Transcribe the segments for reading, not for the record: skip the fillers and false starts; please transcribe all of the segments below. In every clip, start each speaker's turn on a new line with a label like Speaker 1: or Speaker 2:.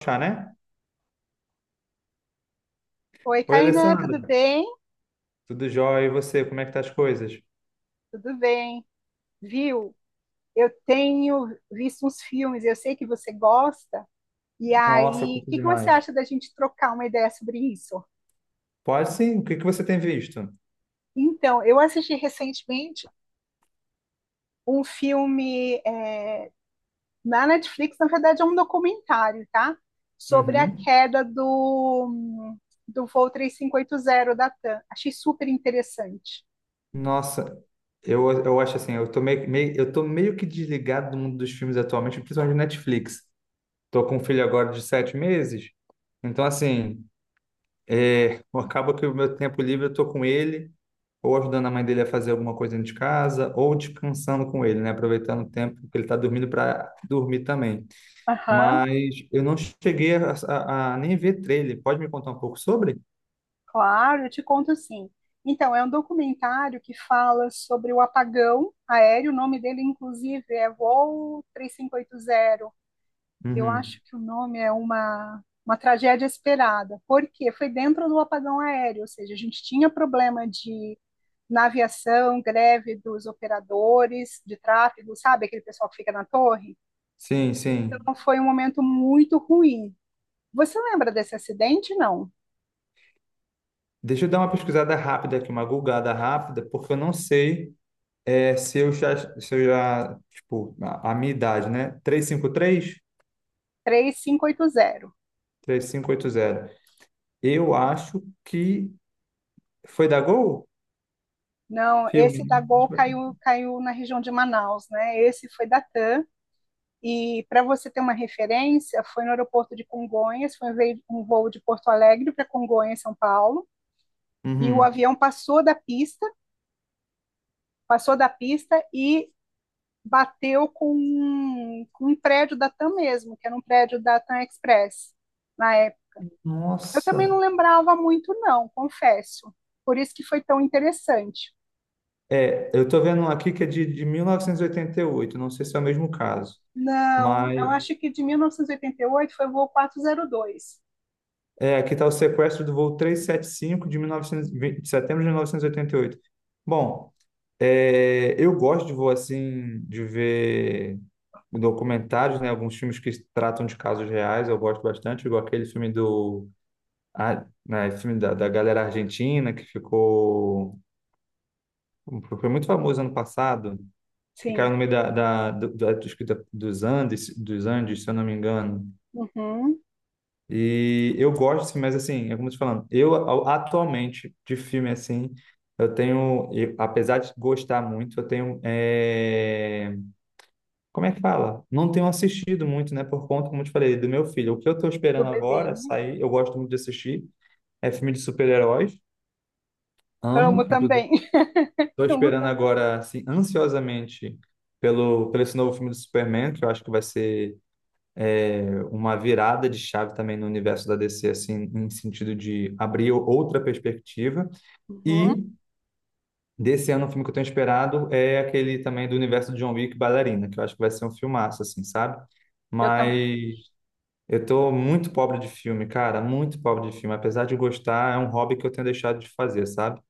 Speaker 1: Achar, né?
Speaker 2: Oi,
Speaker 1: Oi,
Speaker 2: Kainan, tudo
Speaker 1: Alessandra.
Speaker 2: bem?
Speaker 1: Tudo jóia? E você? Como é que tá as coisas?
Speaker 2: Tudo bem. Viu? Eu tenho visto uns filmes, eu sei que você gosta. E
Speaker 1: Nossa,
Speaker 2: aí, o
Speaker 1: curto
Speaker 2: que que você
Speaker 1: demais.
Speaker 2: acha da gente trocar uma ideia sobre isso?
Speaker 1: Pode sim. O que que você tem visto?
Speaker 2: Então, eu assisti recentemente um filme na Netflix, na verdade é um documentário, tá? Sobre a
Speaker 1: Uhum.
Speaker 2: queda do voo 3580 da TAM. Achei super interessante.
Speaker 1: Nossa, eu acho assim, eu tô meio que desligado do mundo dos filmes atualmente, principalmente do Netflix. Tô com um filho agora de 7 meses, então assim, acaba que o meu tempo livre eu tô com ele, ou ajudando a mãe dele a fazer alguma coisa dentro de casa, ou descansando com ele, né? Aproveitando o tempo que ele tá dormindo para dormir também.
Speaker 2: Aham.
Speaker 1: Mas eu não cheguei a nem ver trailer. Pode me contar um pouco sobre?
Speaker 2: Claro, eu te conto sim. Então, é um documentário que fala sobre o apagão aéreo. O nome dele, inclusive, é Voo 3580. Eu
Speaker 1: Uhum.
Speaker 2: acho que o nome é uma tragédia esperada. Por quê? Foi dentro do apagão aéreo, ou seja, a gente tinha problema de na aviação, greve dos operadores de tráfego, sabe? Aquele pessoal que fica na torre.
Speaker 1: Sim, sim.
Speaker 2: Então, foi um momento muito ruim. Você lembra desse acidente? Não.
Speaker 1: Deixa eu dar uma pesquisada rápida aqui, uma googada rápida, porque eu não sei se eu já, tipo, a minha idade, né?
Speaker 2: 3580.
Speaker 1: 353? 3580. Eu acho que foi da Gol?
Speaker 2: Não,
Speaker 1: Filme.
Speaker 2: esse da Gol caiu na região de Manaus, né? Esse foi da TAM. E para você ter uma referência, foi no aeroporto de Congonhas, foi um voo de Porto Alegre para Congonhas, São Paulo, e o
Speaker 1: Uhum.
Speaker 2: avião passou da pista e bateu com um prédio da TAM mesmo, que era um prédio da TAM Express na época. Eu também
Speaker 1: Nossa.
Speaker 2: não lembrava muito, não, confesso. Por isso que foi tão interessante.
Speaker 1: É, eu tô vendo um aqui que é de 1988. Não sei se é o mesmo caso.
Speaker 2: Não, eu
Speaker 1: Mas...
Speaker 2: acho que de 1988 foi o voo 402.
Speaker 1: É, aqui está o sequestro do voo 375 de 1920, de setembro de 1988. Bom, é, eu gosto de voo assim, de ver documentários, né? Alguns filmes que tratam de casos reais, eu gosto bastante, igual aquele filme do ah, né, filme da galera argentina que ficou foi muito famoso ano passado, que
Speaker 2: Sim.
Speaker 1: caiu no meio da, da, do- da- dos Andes, se eu não me engano.
Speaker 2: Uhum.
Speaker 1: E eu gosto, assim, mas assim, é como eu tô falando, atualmente de filme assim, apesar de gostar muito, eu tenho, é, como é que fala? Não tenho assistido muito, né, por conta, como eu te falei, do meu filho. O que eu tô
Speaker 2: Do
Speaker 1: esperando
Speaker 2: bebê,
Speaker 1: agora
Speaker 2: né?
Speaker 1: sair, eu gosto muito de assistir, é filme de super-heróis,
Speaker 2: Amo
Speaker 1: amo, inclusive.
Speaker 2: também.
Speaker 1: Tô
Speaker 2: Amo
Speaker 1: esperando
Speaker 2: também.
Speaker 1: agora, assim, ansiosamente pelo esse novo filme do Superman, que eu acho que vai ser uma virada de chave também no universo da DC, assim, em sentido de abrir outra perspectiva.
Speaker 2: Uhum.
Speaker 1: E desse ano, um filme que eu tenho esperado é aquele também do universo de John Wick, Bailarina, que eu acho que vai ser um filmaço, assim, sabe?
Speaker 2: Eu também,
Speaker 1: Mas eu tô muito pobre de filme, cara, muito pobre de filme. Apesar de gostar, é um hobby que eu tenho deixado de fazer, sabe?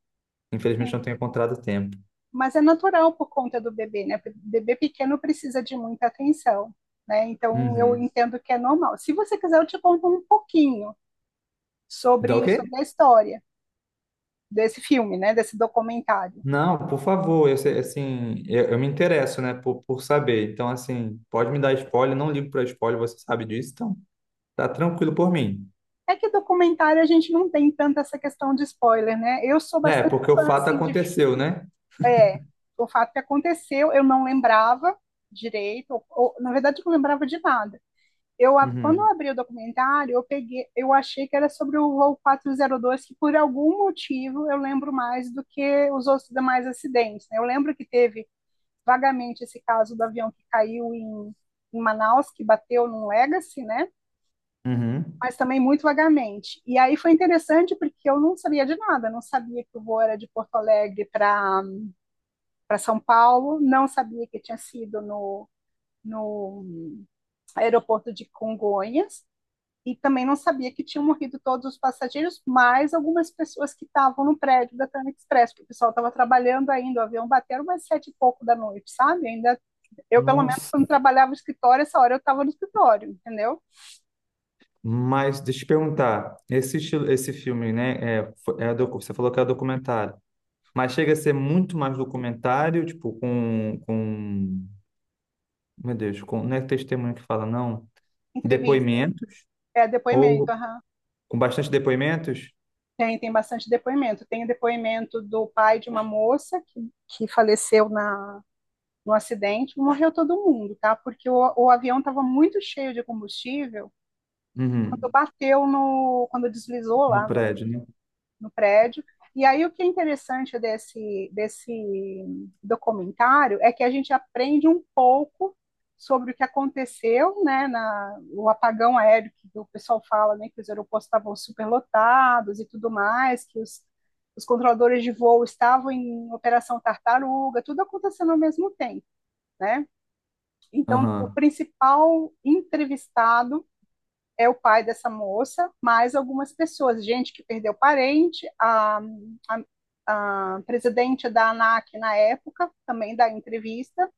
Speaker 1: Infelizmente não
Speaker 2: sim.
Speaker 1: tenho encontrado tempo.
Speaker 2: Mas é natural por conta do bebê, né? Porque Bebê pequeno precisa de muita atenção, né? Então eu
Speaker 1: Uhum.
Speaker 2: entendo que é normal. Se você quiser, eu te conto um pouquinho
Speaker 1: Dá o
Speaker 2: sobre,
Speaker 1: quê?
Speaker 2: sobre a história desse filme, né? Desse documentário.
Speaker 1: Não, por favor, eu, sei- assim, eu me interesso, né, por saber. Então, assim, pode me dar spoiler, não ligo para spoiler, você sabe disso, então tá tranquilo por mim.
Speaker 2: É que documentário a gente não tem tanta essa questão de spoiler, né? Eu sou
Speaker 1: É,
Speaker 2: bastante
Speaker 1: porque o
Speaker 2: fã,
Speaker 1: fato
Speaker 2: assim, de
Speaker 1: aconteceu, né?
Speaker 2: é, o fato que aconteceu, eu não lembrava direito, ou na verdade eu não lembrava de nada. Eu, quando eu
Speaker 1: Uhum,
Speaker 2: abri o documentário, eu peguei, eu achei que era sobre o voo 402 que por algum motivo eu lembro mais do que os outros demais acidentes. Né? Eu lembro que teve vagamente esse caso do avião que caiu em Manaus, que bateu num Legacy, né?
Speaker 1: uhum.
Speaker 2: Mas também muito vagamente. E aí foi interessante porque eu não sabia de nada, não sabia que o voo era de Porto Alegre para São Paulo, não sabia que tinha sido no aeroporto de Congonhas e também não sabia que tinham morrido todos os passageiros, mais algumas pessoas que estavam no prédio da Tânia Express, porque o pessoal estava trabalhando ainda, o avião bateu umas sete e pouco da noite, sabe? Ainda eu, pelo menos, quando
Speaker 1: Nossa,
Speaker 2: trabalhava no escritório, essa hora eu estava no escritório, entendeu?
Speaker 1: mas deixa eu te perguntar, esse estilo, esse filme, né, você falou que é documentário, mas chega a ser muito mais documentário, tipo, meu Deus, com, não é testemunho que fala, não,
Speaker 2: Entrevistas,
Speaker 1: depoimentos,
Speaker 2: é depoimento,
Speaker 1: ou
Speaker 2: uhum.
Speaker 1: com bastante depoimentos?
Speaker 2: Tem, tem bastante depoimento. Tem o depoimento do pai de uma moça que faleceu no acidente, morreu todo mundo, tá? Porque o avião estava muito cheio de combustível quando
Speaker 1: Uhum.
Speaker 2: bateu quando deslizou
Speaker 1: No
Speaker 2: lá no,
Speaker 1: prédio, né?
Speaker 2: no prédio. E aí o que é interessante desse documentário é que a gente aprende um pouco sobre o que aconteceu, né, na, o apagão aéreo que o pessoal fala, né, que os aeroportos estavam superlotados e tudo mais, que os controladores de voo estavam em operação tartaruga, tudo acontecendo ao mesmo tempo, né? Então, o
Speaker 1: Aham,
Speaker 2: principal entrevistado é o pai dessa moça, mais algumas pessoas, gente que perdeu parente, a presidente da ANAC na época também dá entrevista.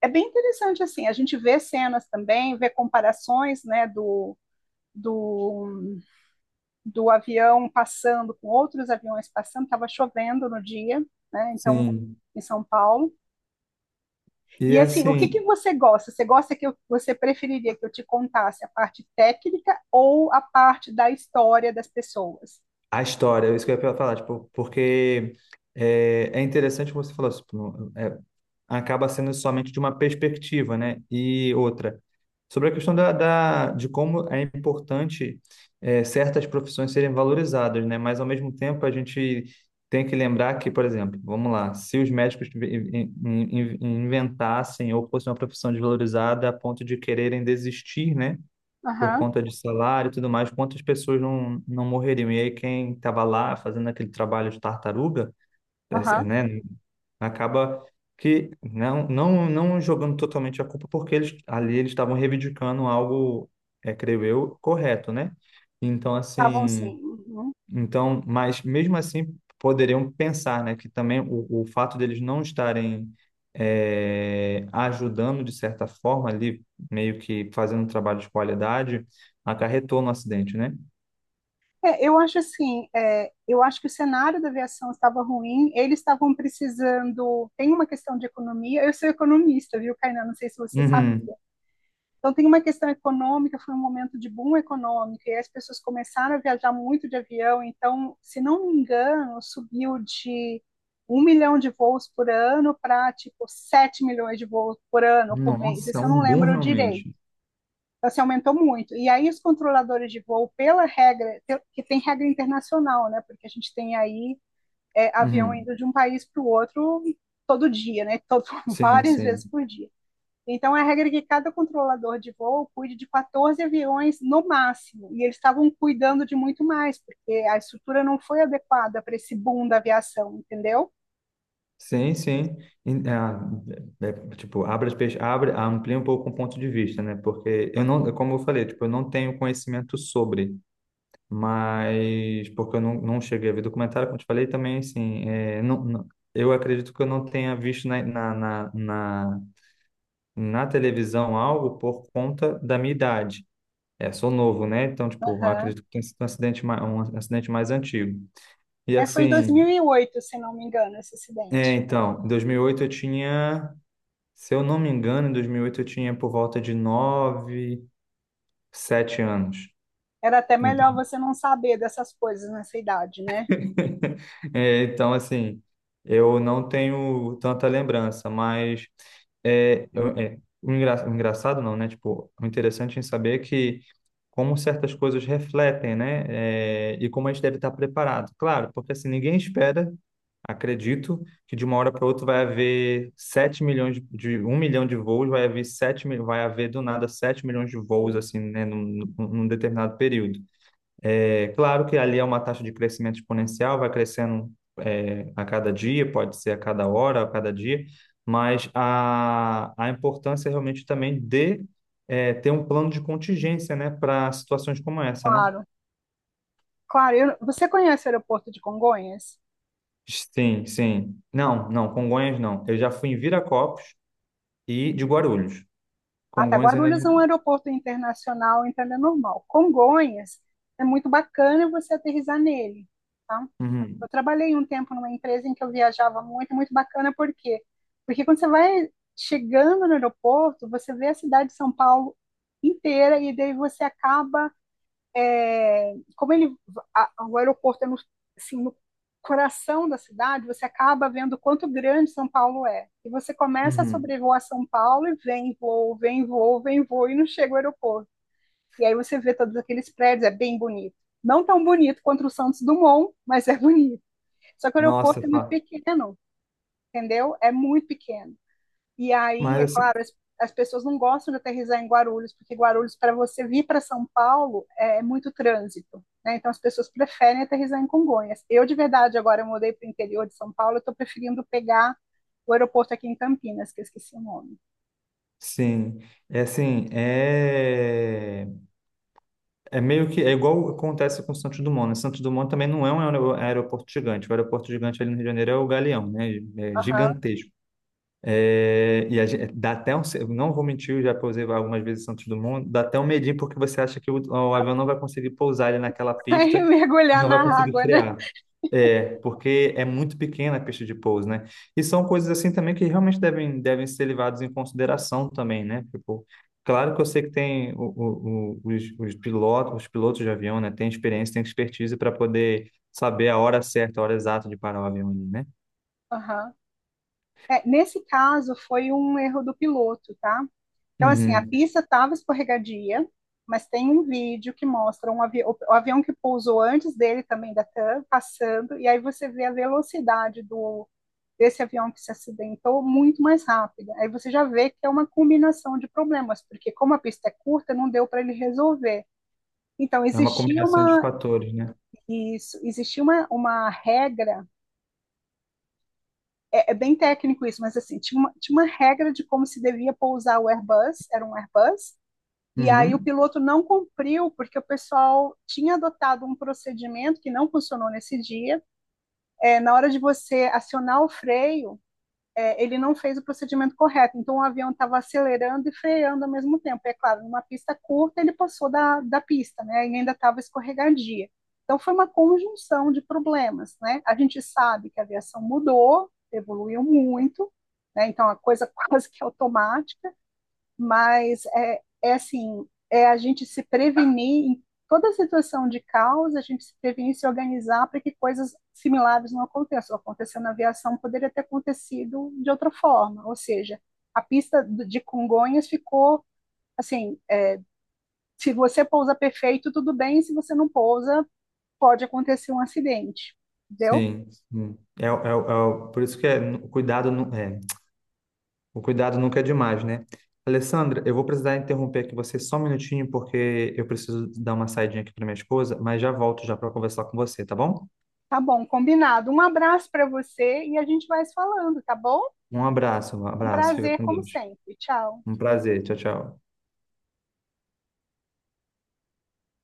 Speaker 2: É bem interessante, assim, a gente vê cenas também, vê comparações, né, do, do avião passando com outros aviões passando, estava chovendo no dia, né, então,
Speaker 1: sim.
Speaker 2: em São Paulo.
Speaker 1: E
Speaker 2: E assim, o que que
Speaker 1: assim,
Speaker 2: você gosta? Você gosta que eu, você preferiria que eu te contasse a parte técnica ou a parte da história das pessoas?
Speaker 1: a história, é isso que eu ia falar, tipo, porque é, é interessante como você falou, tipo, é, acaba sendo somente de uma perspectiva, né? E outra, sobre a questão de como é importante é, certas profissões serem valorizadas, né? Mas ao mesmo tempo a gente tem que lembrar que, por exemplo, vamos lá, se os médicos inventassem ou fosse uma profissão desvalorizada a ponto de quererem desistir, né? Por
Speaker 2: Aham,
Speaker 1: conta de salário e tudo mais, quantas pessoas não morreriam? E aí quem estava lá fazendo aquele trabalho de tartaruga,
Speaker 2: aham.
Speaker 1: né, acaba que não jogando totalmente a culpa, porque eles ali eles estavam reivindicando algo, é, creio eu, correto, né? Então,
Speaker 2: Estavam sim.
Speaker 1: assim,
Speaker 2: Uhum.
Speaker 1: então, mas mesmo assim poderiam pensar, né, que também o fato deles não estarem ajudando de certa forma ali, meio que fazendo um trabalho de qualidade, acarretou no acidente, né?
Speaker 2: Eu acho assim, eu acho que o cenário da aviação estava ruim, eles estavam precisando. Tem uma questão de economia. Eu sou economista, viu, Kainan? Não sei se você sabe.
Speaker 1: Uhum.
Speaker 2: Então, tem uma questão econômica, foi um momento de boom econômico, e as pessoas começaram a viajar muito de avião. Então, se não me engano, subiu de um milhão de voos por ano para tipo 7 milhões de voos por ano por mês.
Speaker 1: Nossa,
Speaker 2: Isso eu não
Speaker 1: um bom
Speaker 2: lembro direito.
Speaker 1: realmente.
Speaker 2: Então, assim, aumentou muito. E aí os controladores de voo, pela regra, que tem regra internacional, né? Porque a gente tem aí avião
Speaker 1: Uhum.
Speaker 2: indo de um país para o outro todo dia, né? Todo,
Speaker 1: Sim,
Speaker 2: várias
Speaker 1: sim.
Speaker 2: vezes por dia. Então, a regra é que cada controlador de voo cuide de 14 aviões no máximo, e eles estavam cuidando de muito mais, porque a estrutura não foi adequada para esse boom da aviação, entendeu?
Speaker 1: Sim, sim. E, ah, é, é, tipo, abre, amplia um pouco o ponto de vista, né? Porque eu não, como eu falei, tipo, eu não tenho conhecimento sobre. Mas porque eu não cheguei a ver documentário, como eu te falei, também assim, é, eu acredito que eu não tenha visto na televisão algo por conta da minha idade. É, sou novo, né? Então, tipo, eu
Speaker 2: Aham.
Speaker 1: acredito que tenha sido um acidente mais antigo. E
Speaker 2: É, foi em
Speaker 1: assim,
Speaker 2: 2008, se não me engano, esse
Speaker 1: é,
Speaker 2: acidente.
Speaker 1: então, em 2008 eu tinha, se eu não me engano, em 2008 eu tinha por volta de 9 7 anos.
Speaker 2: Era até
Speaker 1: Então,
Speaker 2: melhor você não saber dessas coisas nessa idade, né?
Speaker 1: é, então, assim, eu não tenho tanta lembrança, mas é, o engraçado não, né? Tipo, o interessante em saber que como certas coisas refletem, né? É, e como a gente deve estar preparado. Claro, porque assim, ninguém espera, acredito, que de uma hora para outra vai haver 7 milhões de 1 milhão de voos, vai haver do nada 7 milhões de voos,
Speaker 2: Sim.
Speaker 1: assim, né? Num determinado período. É claro que ali é uma taxa de crescimento exponencial, vai crescendo é, a cada dia, pode ser a cada hora, a cada dia, mas a importância realmente também de é, ter um plano de contingência, né, para situações como essa, né?
Speaker 2: Claro. Claro, você conhece o aeroporto de Congonhas?
Speaker 1: Sim, sim. Não, não, Congonhas não. Eu já fui em Viracopos e de Guarulhos.
Speaker 2: Ah, tá.
Speaker 1: Congonhas ainda
Speaker 2: Guarulhos é
Speaker 1: não.
Speaker 2: um aeroporto internacional, então ele é normal. Congonhas é muito bacana você aterrissar nele, tá?
Speaker 1: Uhum,
Speaker 2: Eu trabalhei um tempo numa empresa em que eu viajava muito, muito bacana, por quê? Porque quando você vai chegando no aeroporto, você vê a cidade de São Paulo inteira e daí você acaba, é, como ele, o aeroporto é no, assim, no coração da cidade, você acaba vendo quanto grande São Paulo é. E você começa a
Speaker 1: uhum.
Speaker 2: sobrevoar São Paulo e vem voo, vem voo, vem voo e não chega ao aeroporto. E aí você vê todos aqueles prédios, é bem bonito. Não tão bonito quanto o Santos Dumont, mas é bonito. Só que o aeroporto
Speaker 1: Nossa,
Speaker 2: é muito
Speaker 1: fa-
Speaker 2: pequeno, entendeu? É muito pequeno. E aí,
Speaker 1: mas
Speaker 2: é
Speaker 1: assim,
Speaker 2: claro, as pessoas não gostam de aterrissar em Guarulhos, porque Guarulhos, para você vir para São Paulo, é muito trânsito. Né? Então, as pessoas preferem aterrissar em Congonhas. Eu, de verdade, agora eu mudei para o interior de São Paulo, eu estou preferindo pegar o aeroporto aqui em Campinas, que eu esqueci o nome.
Speaker 1: sim, é assim, é É meio que é igual acontece com Santos Dumont, né? Santos Dumont também não é um aeroporto gigante. O aeroporto gigante ali no Rio de Janeiro é o Galeão, né? É
Speaker 2: Aham.
Speaker 1: gigantesco. É, e a gente, dá até um, eu não vou mentir, eu já pousei algumas vezes em Santos Dumont, dá até um medinho porque você acha que o avião não vai conseguir pousar ali naquela
Speaker 2: Aí
Speaker 1: pista,
Speaker 2: mergulhar
Speaker 1: não vai
Speaker 2: na
Speaker 1: conseguir
Speaker 2: água, né?
Speaker 1: frear. É, porque é muito pequena a pista de pouso, né? E são coisas assim também que realmente devem ser levadas em consideração também, né? Tipo, claro que eu sei que tem os pilotos de avião, né? Tem experiência, tem expertise para poder saber a hora certa, a hora exata de parar o avião ali, né?
Speaker 2: Aham. É, nesse caso, foi um erro do piloto, tá? Então, assim, a
Speaker 1: Uhum.
Speaker 2: pista estava escorregadia, mas tem um vídeo que mostra um avi o avião que pousou antes dele também da TAM passando, e aí você vê a velocidade do desse avião que se acidentou muito mais rápida. Aí você já vê que é uma combinação de problemas, porque como a pista é curta, não deu para ele resolver. Então,
Speaker 1: É uma combinação de fatores, né?
Speaker 2: isso, existia uma regra, é bem técnico isso, mas assim, tinha uma regra de como se devia pousar o Airbus, era um Airbus. E aí o
Speaker 1: Uhum.
Speaker 2: piloto não cumpriu, porque o pessoal tinha adotado um procedimento que não funcionou nesse dia. Na hora de você acionar o freio, ele não fez o procedimento correto. Então o avião estava acelerando e freando ao mesmo tempo. É claro, numa pista curta ele passou da pista, né? E ainda estava escorregadia. Então foi uma conjunção de problemas, né? A gente sabe que a aviação mudou, evoluiu muito, né? Então a coisa quase que é automática, mas é assim, a gente se prevenir em toda situação de caos, a gente se prevenir e se organizar para que coisas similares não aconteçam. Aconteceu na aviação, poderia ter acontecido de outra forma, ou seja, a pista de Congonhas ficou assim, se você pousa perfeito, tudo bem, se você não pousa, pode acontecer um acidente, entendeu?
Speaker 1: Sim, sim. Por isso que é, o cuidado nunca é demais, né? Alessandra, eu vou precisar interromper aqui você só um minutinho, porque eu preciso dar uma saidinha aqui para minha esposa, mas já volto já para conversar com você, tá bom?
Speaker 2: Tá bom, combinado. Um abraço para você e a gente vai se falando, tá bom?
Speaker 1: Um
Speaker 2: Um
Speaker 1: abraço, fica
Speaker 2: prazer,
Speaker 1: com
Speaker 2: como
Speaker 1: Deus.
Speaker 2: sempre. Tchau.
Speaker 1: Um prazer, tchau, tchau.